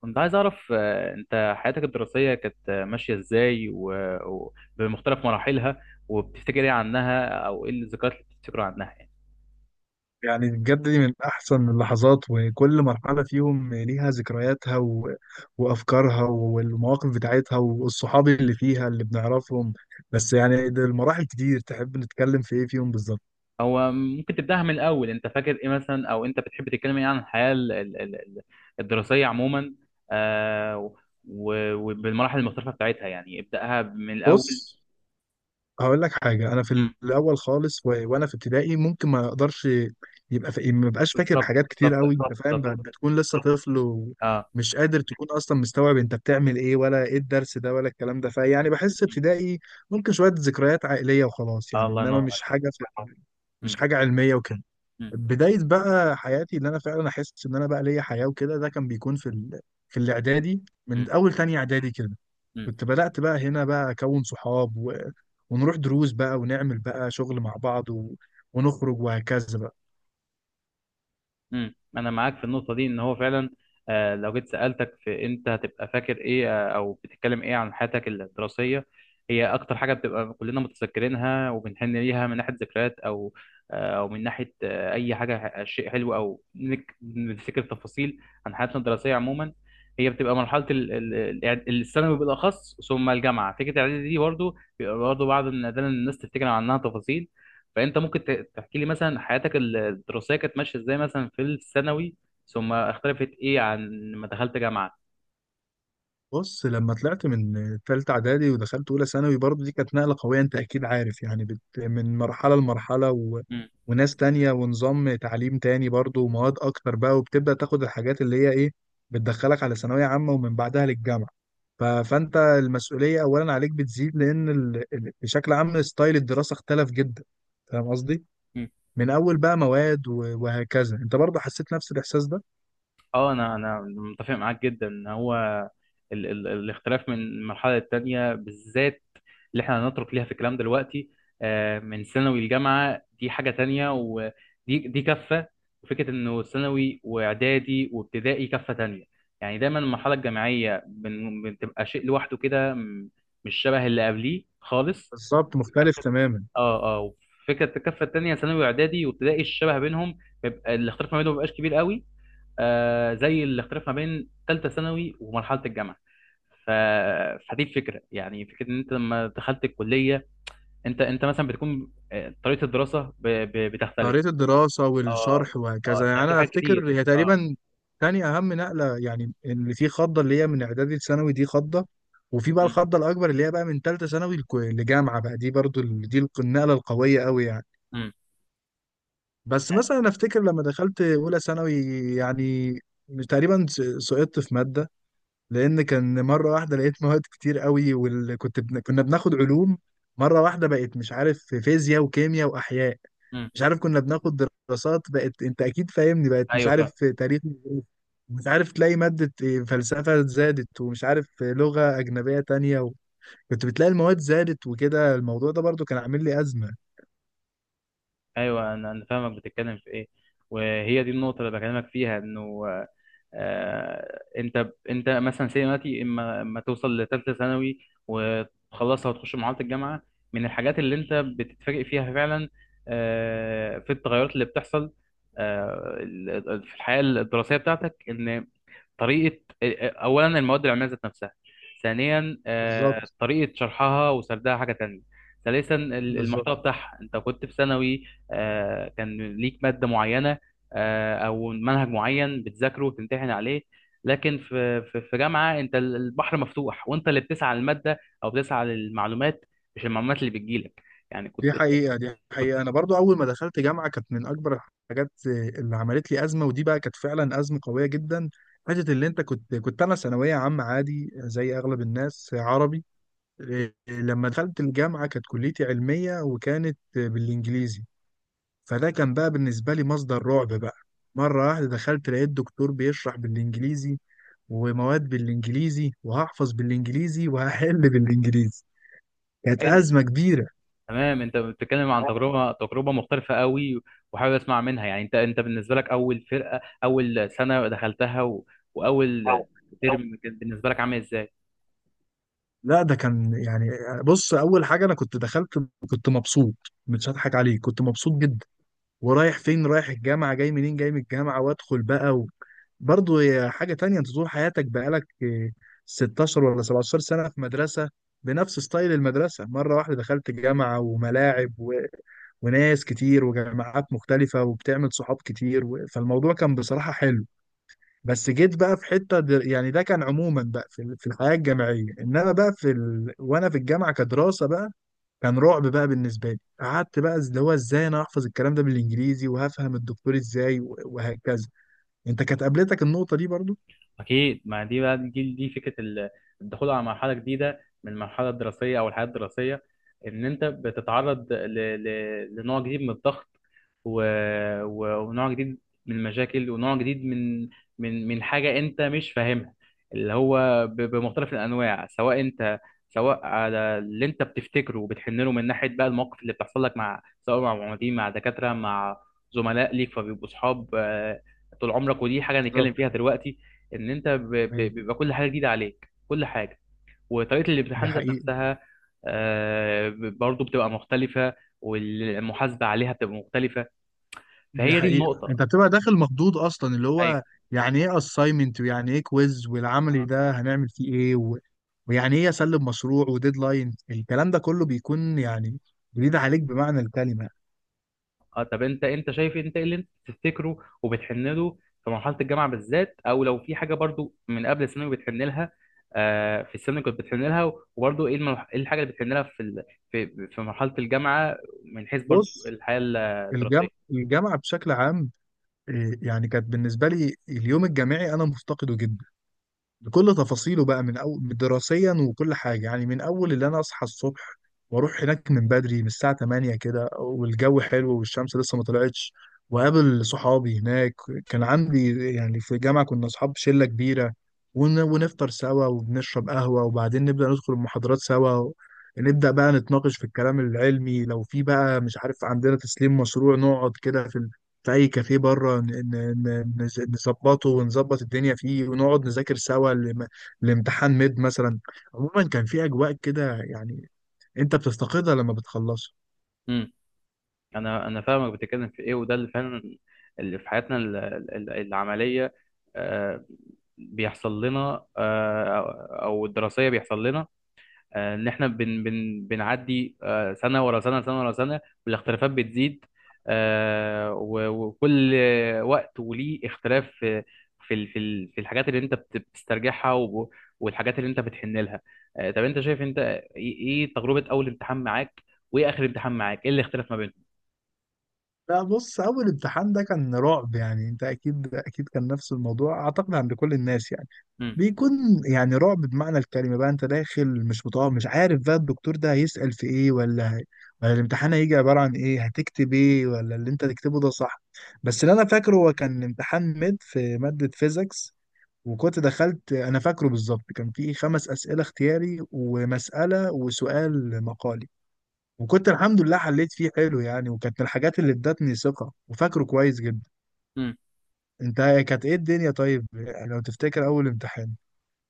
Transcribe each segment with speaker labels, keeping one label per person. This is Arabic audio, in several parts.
Speaker 1: كنت عايز أعرف، أنت حياتك الدراسية كانت ماشية إزاي بمختلف مراحلها. وبتفتكر إيه عنها، أو إيه الذكريات اللي بتفتكرها عنها، يعني.
Speaker 2: يعني بجد دي من أحسن اللحظات، وكل مرحلة فيهم ليها ذكرياتها وأفكارها والمواقف بتاعتها والصحاب اللي فيها اللي بنعرفهم. بس يعني ده المراحل كتير، تحب نتكلم في إيه فيهم بالظبط؟
Speaker 1: هو ممكن تبدأها من الأول؟ أنت فاكر إيه مثلا، أو أنت بتحب تتكلم إيه عن الحياة الدراسية عموما. آه، و- وبالمراحل المختلفة بتاعتها، يعني ابدأها من الأول.
Speaker 2: بص، هقول لك حاجة. أنا في
Speaker 1: مم.
Speaker 2: الأول خالص وأنا في ابتدائي ممكن ما أقدرش، يبقى ما بقاش فاكر
Speaker 1: بالظبط،
Speaker 2: حاجات كتير
Speaker 1: بالظبط.
Speaker 2: قوي. أنت فاهم،
Speaker 1: بالظبط.
Speaker 2: بتكون لسه طفل
Speaker 1: أه.
Speaker 2: ومش قادر تكون أصلا مستوعب أنت بتعمل إيه، ولا إيه الدرس ده، ولا الكلام ده. فيعني بحس
Speaker 1: مم.
Speaker 2: ابتدائي ممكن شوية ذكريات عائلية وخلاص
Speaker 1: آه،
Speaker 2: يعني،
Speaker 1: الله
Speaker 2: إنما
Speaker 1: ينور
Speaker 2: مش
Speaker 1: عليك.
Speaker 2: حاجة مش
Speaker 1: مم.
Speaker 2: حاجة علمية وكده.
Speaker 1: مم.
Speaker 2: بداية بقى حياتي اللي أنا فعلا أحس إن أنا بقى ليا حياة وكده، ده كان بيكون في في الإعدادي،
Speaker 1: مم.
Speaker 2: من أول تانية إعدادي كده.
Speaker 1: مم.
Speaker 2: كنت بدأت بقى هنا بقى أكون صحاب ونروح دروس بقى، ونعمل بقى شغل مع بعض ونخرج وهكذا بقى.
Speaker 1: انا معاك في النقطه دي، ان هو فعلا لو جيت سالتك، في، انت هتبقى فاكر ايه؟ او بتتكلم ايه عن حياتك الدراسيه؟ هي اكتر حاجه بتبقى كلنا متذكرينها وبنحن ليها، من ناحيه ذكريات، او او من ناحيه اي حاجه، شيء حلو، او نفتكر تفاصيل عن حياتنا الدراسيه عموما. هي بتبقى مرحله الثانوي بالاخص، ثم الجامعه. فكره الاعدادي دي برضه بيبقى برضه بعض ده، إن الناس تفتكر عنها تفاصيل. فانت ممكن تحكي لي مثلا، حياتك الدراسيه كانت ماشيه ازاي مثلا في الثانوي، ثم اختلفت ايه عن ما دخلت جامعه.
Speaker 2: بص، لما طلعت من تالتة إعدادي ودخلت أولى ثانوي، برضه دي كانت نقلة قوية. أنت أكيد عارف يعني، من مرحلة لمرحلة وناس تانية ونظام تعليم تاني برضه، ومواد أكتر بقى، وبتبدأ تاخد الحاجات اللي هي إيه، بتدخلك على ثانوية عامة، ومن بعدها للجامعة. فأنت المسؤولية أولا عليك بتزيد، لأن بشكل عام ستايل الدراسة اختلف جدا. فاهم قصدي؟
Speaker 1: مم.
Speaker 2: من اول بقى مواد وهكذا. انت برضه حسيت نفس الاحساس ده؟
Speaker 1: اه، انا متفق معاك جدا ان هو ال ال الاختلاف من مرحله للتانيه، بالذات اللي احنا هنترك ليها في الكلام دلوقتي. من ثانوي لجامعه، دي حاجه تانيه، دي كفه. وفكره انه ثانوي واعدادي وابتدائي كفه تانيه. يعني دايما المرحله الجامعيه، بتبقى شيء لوحده كده، مش شبه اللي قبليه خالص.
Speaker 2: بالظبط، مختلف
Speaker 1: كفه.
Speaker 2: تماما.
Speaker 1: اه، اه. فكره الكفه التانيه، ثانوي واعدادي وابتدائي، الشبه بينهم بيبقى الاختلاف ما بينهم، ما بيبقاش كبير قوي زي الاختلاف ما بين ثالثه ثانوي ومرحله الجامعه. ف... فدي الفكره، يعني فكره ان انت لما دخلت الكليه، انت مثلا بتكون، طريقه الدراسه بتختلف.
Speaker 2: طريقه الدراسه
Speaker 1: اه.
Speaker 2: والشرح وهكذا.
Speaker 1: اه، ده
Speaker 2: يعني
Speaker 1: في
Speaker 2: انا
Speaker 1: حاجات
Speaker 2: افتكر
Speaker 1: كتير.
Speaker 2: هي
Speaker 1: اه.
Speaker 2: تقريبا تاني اهم نقله، يعني اللي في خضه اللي هي من اعدادي لثانوي، دي خضه، وفي بقى
Speaker 1: امم.
Speaker 2: الخضه الاكبر اللي هي بقى من ثالثه ثانوي لجامعه بقى. دي برضه دي النقله القويه قوي يعني.
Speaker 1: امم.
Speaker 2: بس مثلا افتكر لما دخلت اولى ثانوي، يعني تقريبا سقطت في ماده، لان كان مره واحده لقيت مواد كتير قوي. وكنت كنا بناخد علوم، مره واحده بقت مش عارف في فيزياء وكيمياء واحياء،
Speaker 1: امم.
Speaker 2: مش عارف كنا بناخد دراسات، بقت انت اكيد فاهمني، بقت مش
Speaker 1: ايوه، فاهم.
Speaker 2: عارف في تاريخ، مش عارف تلاقي ماده إيه، فلسفه زادت، ومش عارف في لغه اجنبيه تانية كنت بتلاقي المواد زادت وكده. الموضوع ده برضو كان عامل لي ازمه.
Speaker 1: ايوه، انا فاهمك بتتكلم في ايه. وهي دي النقطه اللي بكلمك فيها، انه انت مثلا سي دلوقتي، اما توصل لثالثه ثانوي وتخلصها وتخش مرحله الجامعه، من الحاجات اللي انت بتتفاجئ فيها فعلا، في التغيرات اللي بتحصل، في الحياه الدراسيه بتاعتك، ان طريقه، اولا المواد العلميه ذات نفسها، ثانيا
Speaker 2: بالظبط
Speaker 1: طريقه شرحها وسردها حاجه تانية، ثالثا المحتوى
Speaker 2: بالظبط.
Speaker 1: بتاعها. انت كنت في ثانوي، كان ليك ماده معينه، او منهج معين بتذاكره وتمتحن عليه. لكن في جامعه، انت البحر مفتوح، وانت اللي بتسعى للماده او بتسعى للمعلومات، مش المعلومات اللي بتجيلك. يعني
Speaker 2: دي
Speaker 1: كنت
Speaker 2: حقيقة دي حقيقة أنا برضو أول ما دخلت جامعة كانت من أكبر الحاجات اللي عملت لي أزمة، ودي بقى كانت فعلا أزمة قوية جدا. حتة اللي أنت كنت، أنا ثانوية عامة عادي زي أغلب الناس، عربي إيه، لما دخلت الجامعة كانت كليتي علمية وكانت بالإنجليزي. فده كان بقى بالنسبة لي مصدر رعب بقى. مرة واحدة دخلت لقيت دكتور بيشرح بالإنجليزي ومواد بالإنجليزي، وهحفظ بالإنجليزي وهحل بالإنجليزي. كانت
Speaker 1: كنت
Speaker 2: أزمة كبيرة.
Speaker 1: تمام. انت بتتكلم عن تجربه مختلفه قوي، وحابب اسمع منها. يعني انت، بالنسبه لك، اول فرقه، اول سنه دخلتها، واول ترم، كان بالنسبه لك عامل ازاي؟
Speaker 2: لا، ده كان يعني، بص اول حاجه انا كنت دخلت كنت مبسوط، مش هضحك عليك، كنت مبسوط جدا. ورايح فين؟ رايح الجامعه. جاي منين؟ جاي من الجامعه. وادخل بقى برضه هي حاجه تانية، انت طول حياتك بقالك إيه، 16 ولا 17 سنه في مدرسه بنفس ستايل المدرسه. مره واحده دخلت جامعه، وملاعب وناس كتير وجامعات مختلفه، وبتعمل صحاب كتير فالموضوع كان بصراحه حلو. بس جيت بقى في حته يعني ده كان عموما بقى في في الحياه الجامعيه، انما بقى في وانا في الجامعه كدراسه بقى كان رعب بقى بالنسبه لي. قعدت بقى اللي هو ازاي انا احفظ الكلام ده بالانجليزي، وهفهم الدكتور ازاي وهكذا. انت كانت قابلتك النقطه دي برضو؟
Speaker 1: أكيد. ما دي بقى الجيل، دي فكرة الدخول على مرحلة جديدة، من المرحلة الدراسية أو الحياة الدراسية. إن أنت بتتعرض لنوع جديد من الضغط، و... ونوع جديد من المشاكل، ونوع جديد من حاجة أنت مش فاهمها. اللي هو بمختلف الأنواع، سواء أنت، سواء على اللي أنت بتفتكره وبتحن له، من ناحية بقى المواقف اللي بتحصل لك، مع، سواء مع معيدين، مع دكاترة، مع زملاء ليك فبيبقوا صحاب طول عمرك. ودي حاجة
Speaker 2: بالظبط.
Speaker 1: هنتكلم فيها دلوقتي، ان انت،
Speaker 2: ايوه.
Speaker 1: بيبقى كل حاجه جديده عليك، كل حاجه. وطريقه
Speaker 2: دي
Speaker 1: الامتحان ذات
Speaker 2: حقيقه.
Speaker 1: نفسها، برضو بتبقى مختلفه، والمحاسبه عليها بتبقى مختلفه.
Speaker 2: دي
Speaker 1: فهي دي
Speaker 2: حقيقه،
Speaker 1: النقطه.
Speaker 2: انت بتبقى داخل مخضوض اصلا. اللي
Speaker 1: ايوه.
Speaker 2: هو يعني ايه اساينمنت، ويعني ايه كويز، والعملي ده هنعمل فيه ايه ويعني ايه اسلم مشروع وديدلاين. الكلام ده كله بيكون يعني جديد عليك بمعنى الكلمه.
Speaker 1: اه. طب انت، شايف إيه؟ انت ايه اللي انت بتفتكره وبتحن له في مرحله الجامعه بالذات، او لو في حاجه برضو من قبل الثانوي بتحن لها، في الثانوي كنت بتحن لها. وبرضو ايه ايه الحاجه اللي بتحن لها في ال- في في مرحله الجامعه، من حيث برضو
Speaker 2: بص،
Speaker 1: الحياه الدراسيه؟
Speaker 2: الجامعة، بشكل عام إيه، يعني كانت بالنسبة لي اليوم الجامعي أنا مفتقده جدا بكل تفاصيله بقى، من أول دراسيا وكل حاجة. يعني من أول اللي أنا أصحى الصبح وأروح هناك من بدري من الساعة 8 كده، والجو حلو والشمس لسه ما طلعتش، وقابل صحابي هناك. كان عندي يعني في الجامعة كنا أصحاب شلة كبيرة، ونفطر سوا، وبنشرب قهوة، وبعدين نبدأ ندخل المحاضرات سوا، نبدأ بقى نتناقش في الكلام العلمي. لو في بقى مش عارف عندنا تسليم مشروع، نقعد كده في اي كافيه بره نظبطه ونظبط الدنيا فيه، ونقعد نذاكر سوا لامتحان ميد مثلا. عموما كان في اجواء كده يعني، انت بتفتقدها لما بتخلصه.
Speaker 1: انا فاهمك بتتكلم في ايه. وده اللي فعلا اللي في حياتنا العمليه آه، بيحصل لنا، او أو الدراسيه بيحصل لنا، ان احنا بن بن بنعدي، سنه ورا سنه، سنه ورا سنه، والاختلافات بتزيد، وكل وقت وليه اختلاف في، في الحاجات اللي انت بتسترجعها، والحاجات اللي انت بتحن لها. طب انت شايف انت ايه، إيه تجربه اول امتحان معاك، وايه اخر امتحان معاك، ايه اللي اختلف ما
Speaker 2: لا، بص اول امتحان ده كان رعب يعني، انت اكيد كان نفس الموضوع اعتقد عند كل الناس يعني.
Speaker 1: بينهم؟
Speaker 2: بيكون يعني رعب بمعنى الكلمة بقى، انت داخل مش مطمئن، مش عارف بقى الدكتور ده هيسأل في ايه، ولا الامتحان هيجي عبارة عن ايه، هتكتب ايه، ولا اللي انت تكتبه ده صح. بس اللي انا فاكره هو كان امتحان ميد في مادة فيزيكس. وكنت دخلت انا فاكره بالظبط كان فيه خمس أسئلة اختياري ومسألة وسؤال مقالي. وكنت الحمد لله حليت فيه حلو يعني، وكانت من الحاجات اللي ادتني ثقة وفاكره كويس جدا.
Speaker 1: مم.
Speaker 2: انت كانت ايه الدنيا طيب، لو تفتكر اول امتحان؟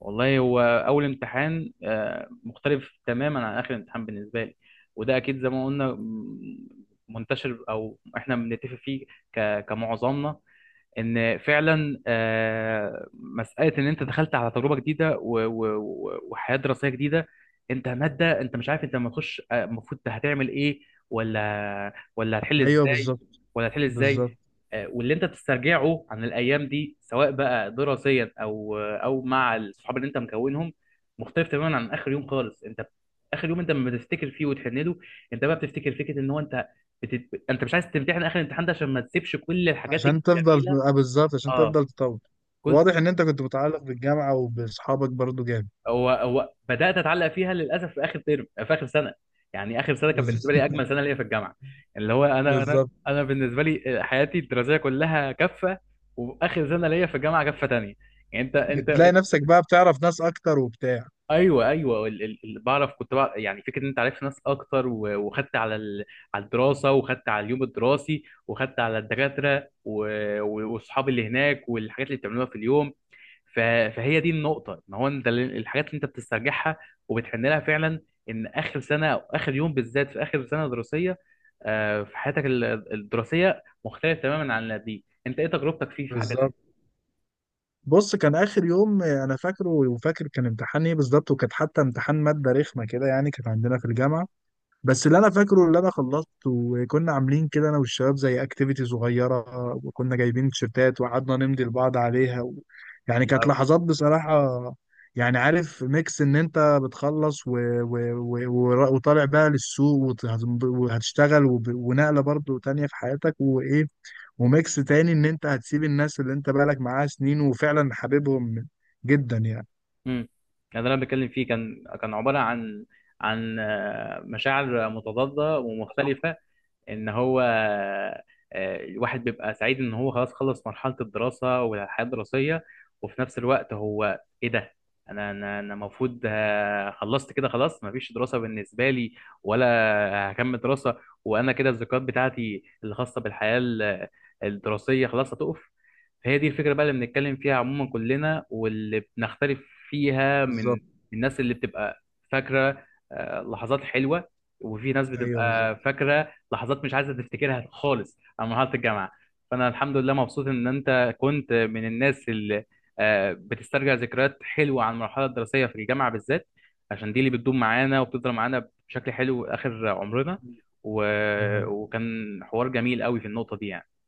Speaker 1: والله، هو اول امتحان مختلف تماما عن اخر امتحان بالنسبه لي. وده اكيد زي ما قلنا، منتشر، او احنا بنتفق فيه كمعظمنا، ان فعلا مساله ان انت دخلت على تجربه جديده، وحياه دراسيه جديده. انت ماده، انت مش عارف، انت لما تخش المفروض هتعمل ايه، ولا هتحل
Speaker 2: ايوه
Speaker 1: ازاي،
Speaker 2: بالظبط.
Speaker 1: ولا هتحل ازاي.
Speaker 2: بالظبط
Speaker 1: واللي انت بتسترجعه عن الايام دي، سواء بقى دراسيا او مع الصحاب اللي انت مكونهم، مختلف تماما عن اخر يوم خالص. انت اخر يوم انت لما بتفتكر فيه وتحن له، انت بقى بتفتكر فكره، ان هو انت، انت مش عايز تمتحن اخر الامتحان ده، عشان ما تسيبش كل الحاجات
Speaker 2: عشان
Speaker 1: الجميله.
Speaker 2: تفضل، آه، بالظبط عشان
Speaker 1: اه.
Speaker 2: تفضل تطور.
Speaker 1: كل.
Speaker 2: واضح ان انت كنت متعلق بالجامعة وباصحابك برضو جامد.
Speaker 1: هو بدات اتعلق فيها للاسف في اخر ترم، في اخر سنه. يعني اخر سنه كانت بالنسبه
Speaker 2: بز-
Speaker 1: لي اجمل سنه ليا في الجامعه. اللي هو انا،
Speaker 2: بالظبط.
Speaker 1: بالنسبه لي حياتي الدراسيه كلها كفه، واخر سنه ليا في الجامعه كفه تانية. يعني
Speaker 2: بتلاقي نفسك بقى بتعرف ناس اكتر وبتاع.
Speaker 1: ايوه، ايوه. كنت بعرف، يعني فكره ان انت عرفت ناس اكتر، وخدت على الدراسه، وخدت على اليوم الدراسي، وخدت على الدكاتره، واصحابي اللي هناك، والحاجات اللي بتعملوها في اليوم. ف- فهي دي النقطة، ان هو انت، الحاجات اللي انت بتسترجعها وبتحن لها فعلا، ان اخر سنة، او اخر يوم بالذات في اخر سنة دراسية، في حياتك الدراسية مختلف تماما عن اللي قبليه. انت ايه تجربتك فيه في حاجة زي
Speaker 2: بالظبط.
Speaker 1: كده؟
Speaker 2: بص، كان اخر يوم آه، انا فاكره، وفاكر كان امتحان ايه بالظبط، وكانت حتى امتحان مادة رخمة كده يعني، كانت عندنا في الجامعة. بس اللي انا فاكره اللي انا خلصت، وكنا عاملين كده انا والشباب زي اكتيفيتي صغيره، وكنا جايبين تيشيرتات وقعدنا نمضي لبعض عليها يعني
Speaker 1: حلو
Speaker 2: كانت
Speaker 1: قوي.
Speaker 2: لحظات بصراحه. يعني عارف، ميكس ان انت بتخلص وطالع بقى للسوق وهتشتغل ونقله برضو تانية في حياتك وايه، وميكس تاني ان انت هتسيب الناس اللي انت بقالك معاها سنين وفعلا حاببهم جدا يعني.
Speaker 1: يعني ده اللي انا بتكلم فيه، كان عبارة عن مشاعر متضادة ومختلفة، ان هو الواحد بيبقى سعيد ان هو خلاص، خلص مرحله الدراسه والحياه الدراسيه، وفي نفس الوقت هو ايه ده؟ انا، المفروض خلصت كده خلاص، مفيش دراسه بالنسبه لي، ولا هكمل دراسه. وانا كده الذكريات بتاعتي الخاصه بالحياه الدراسيه خلاص هتقف. فهي دي الفكره بقى اللي بنتكلم فيها عموما كلنا، واللي بنختلف فيها من
Speaker 2: بالظبط.
Speaker 1: الناس اللي بتبقى فاكره لحظات حلوه، وفي ناس
Speaker 2: ايوه
Speaker 1: بتبقى
Speaker 2: بالظبط.
Speaker 1: فاكره لحظات مش عايزه تفتكرها خالص على مرحله الجامعه. فانا الحمد لله مبسوط ان انت كنت من الناس اللي بتسترجع ذكريات حلوه عن المرحله الدراسيه في الجامعه بالذات، عشان دي اللي بتدوم معانا وبتفضل معانا بشكل حلو اخر عمرنا. و...
Speaker 2: دي حقيقة.
Speaker 1: وكان حوار جميل قوي في النقطه دي، يعني.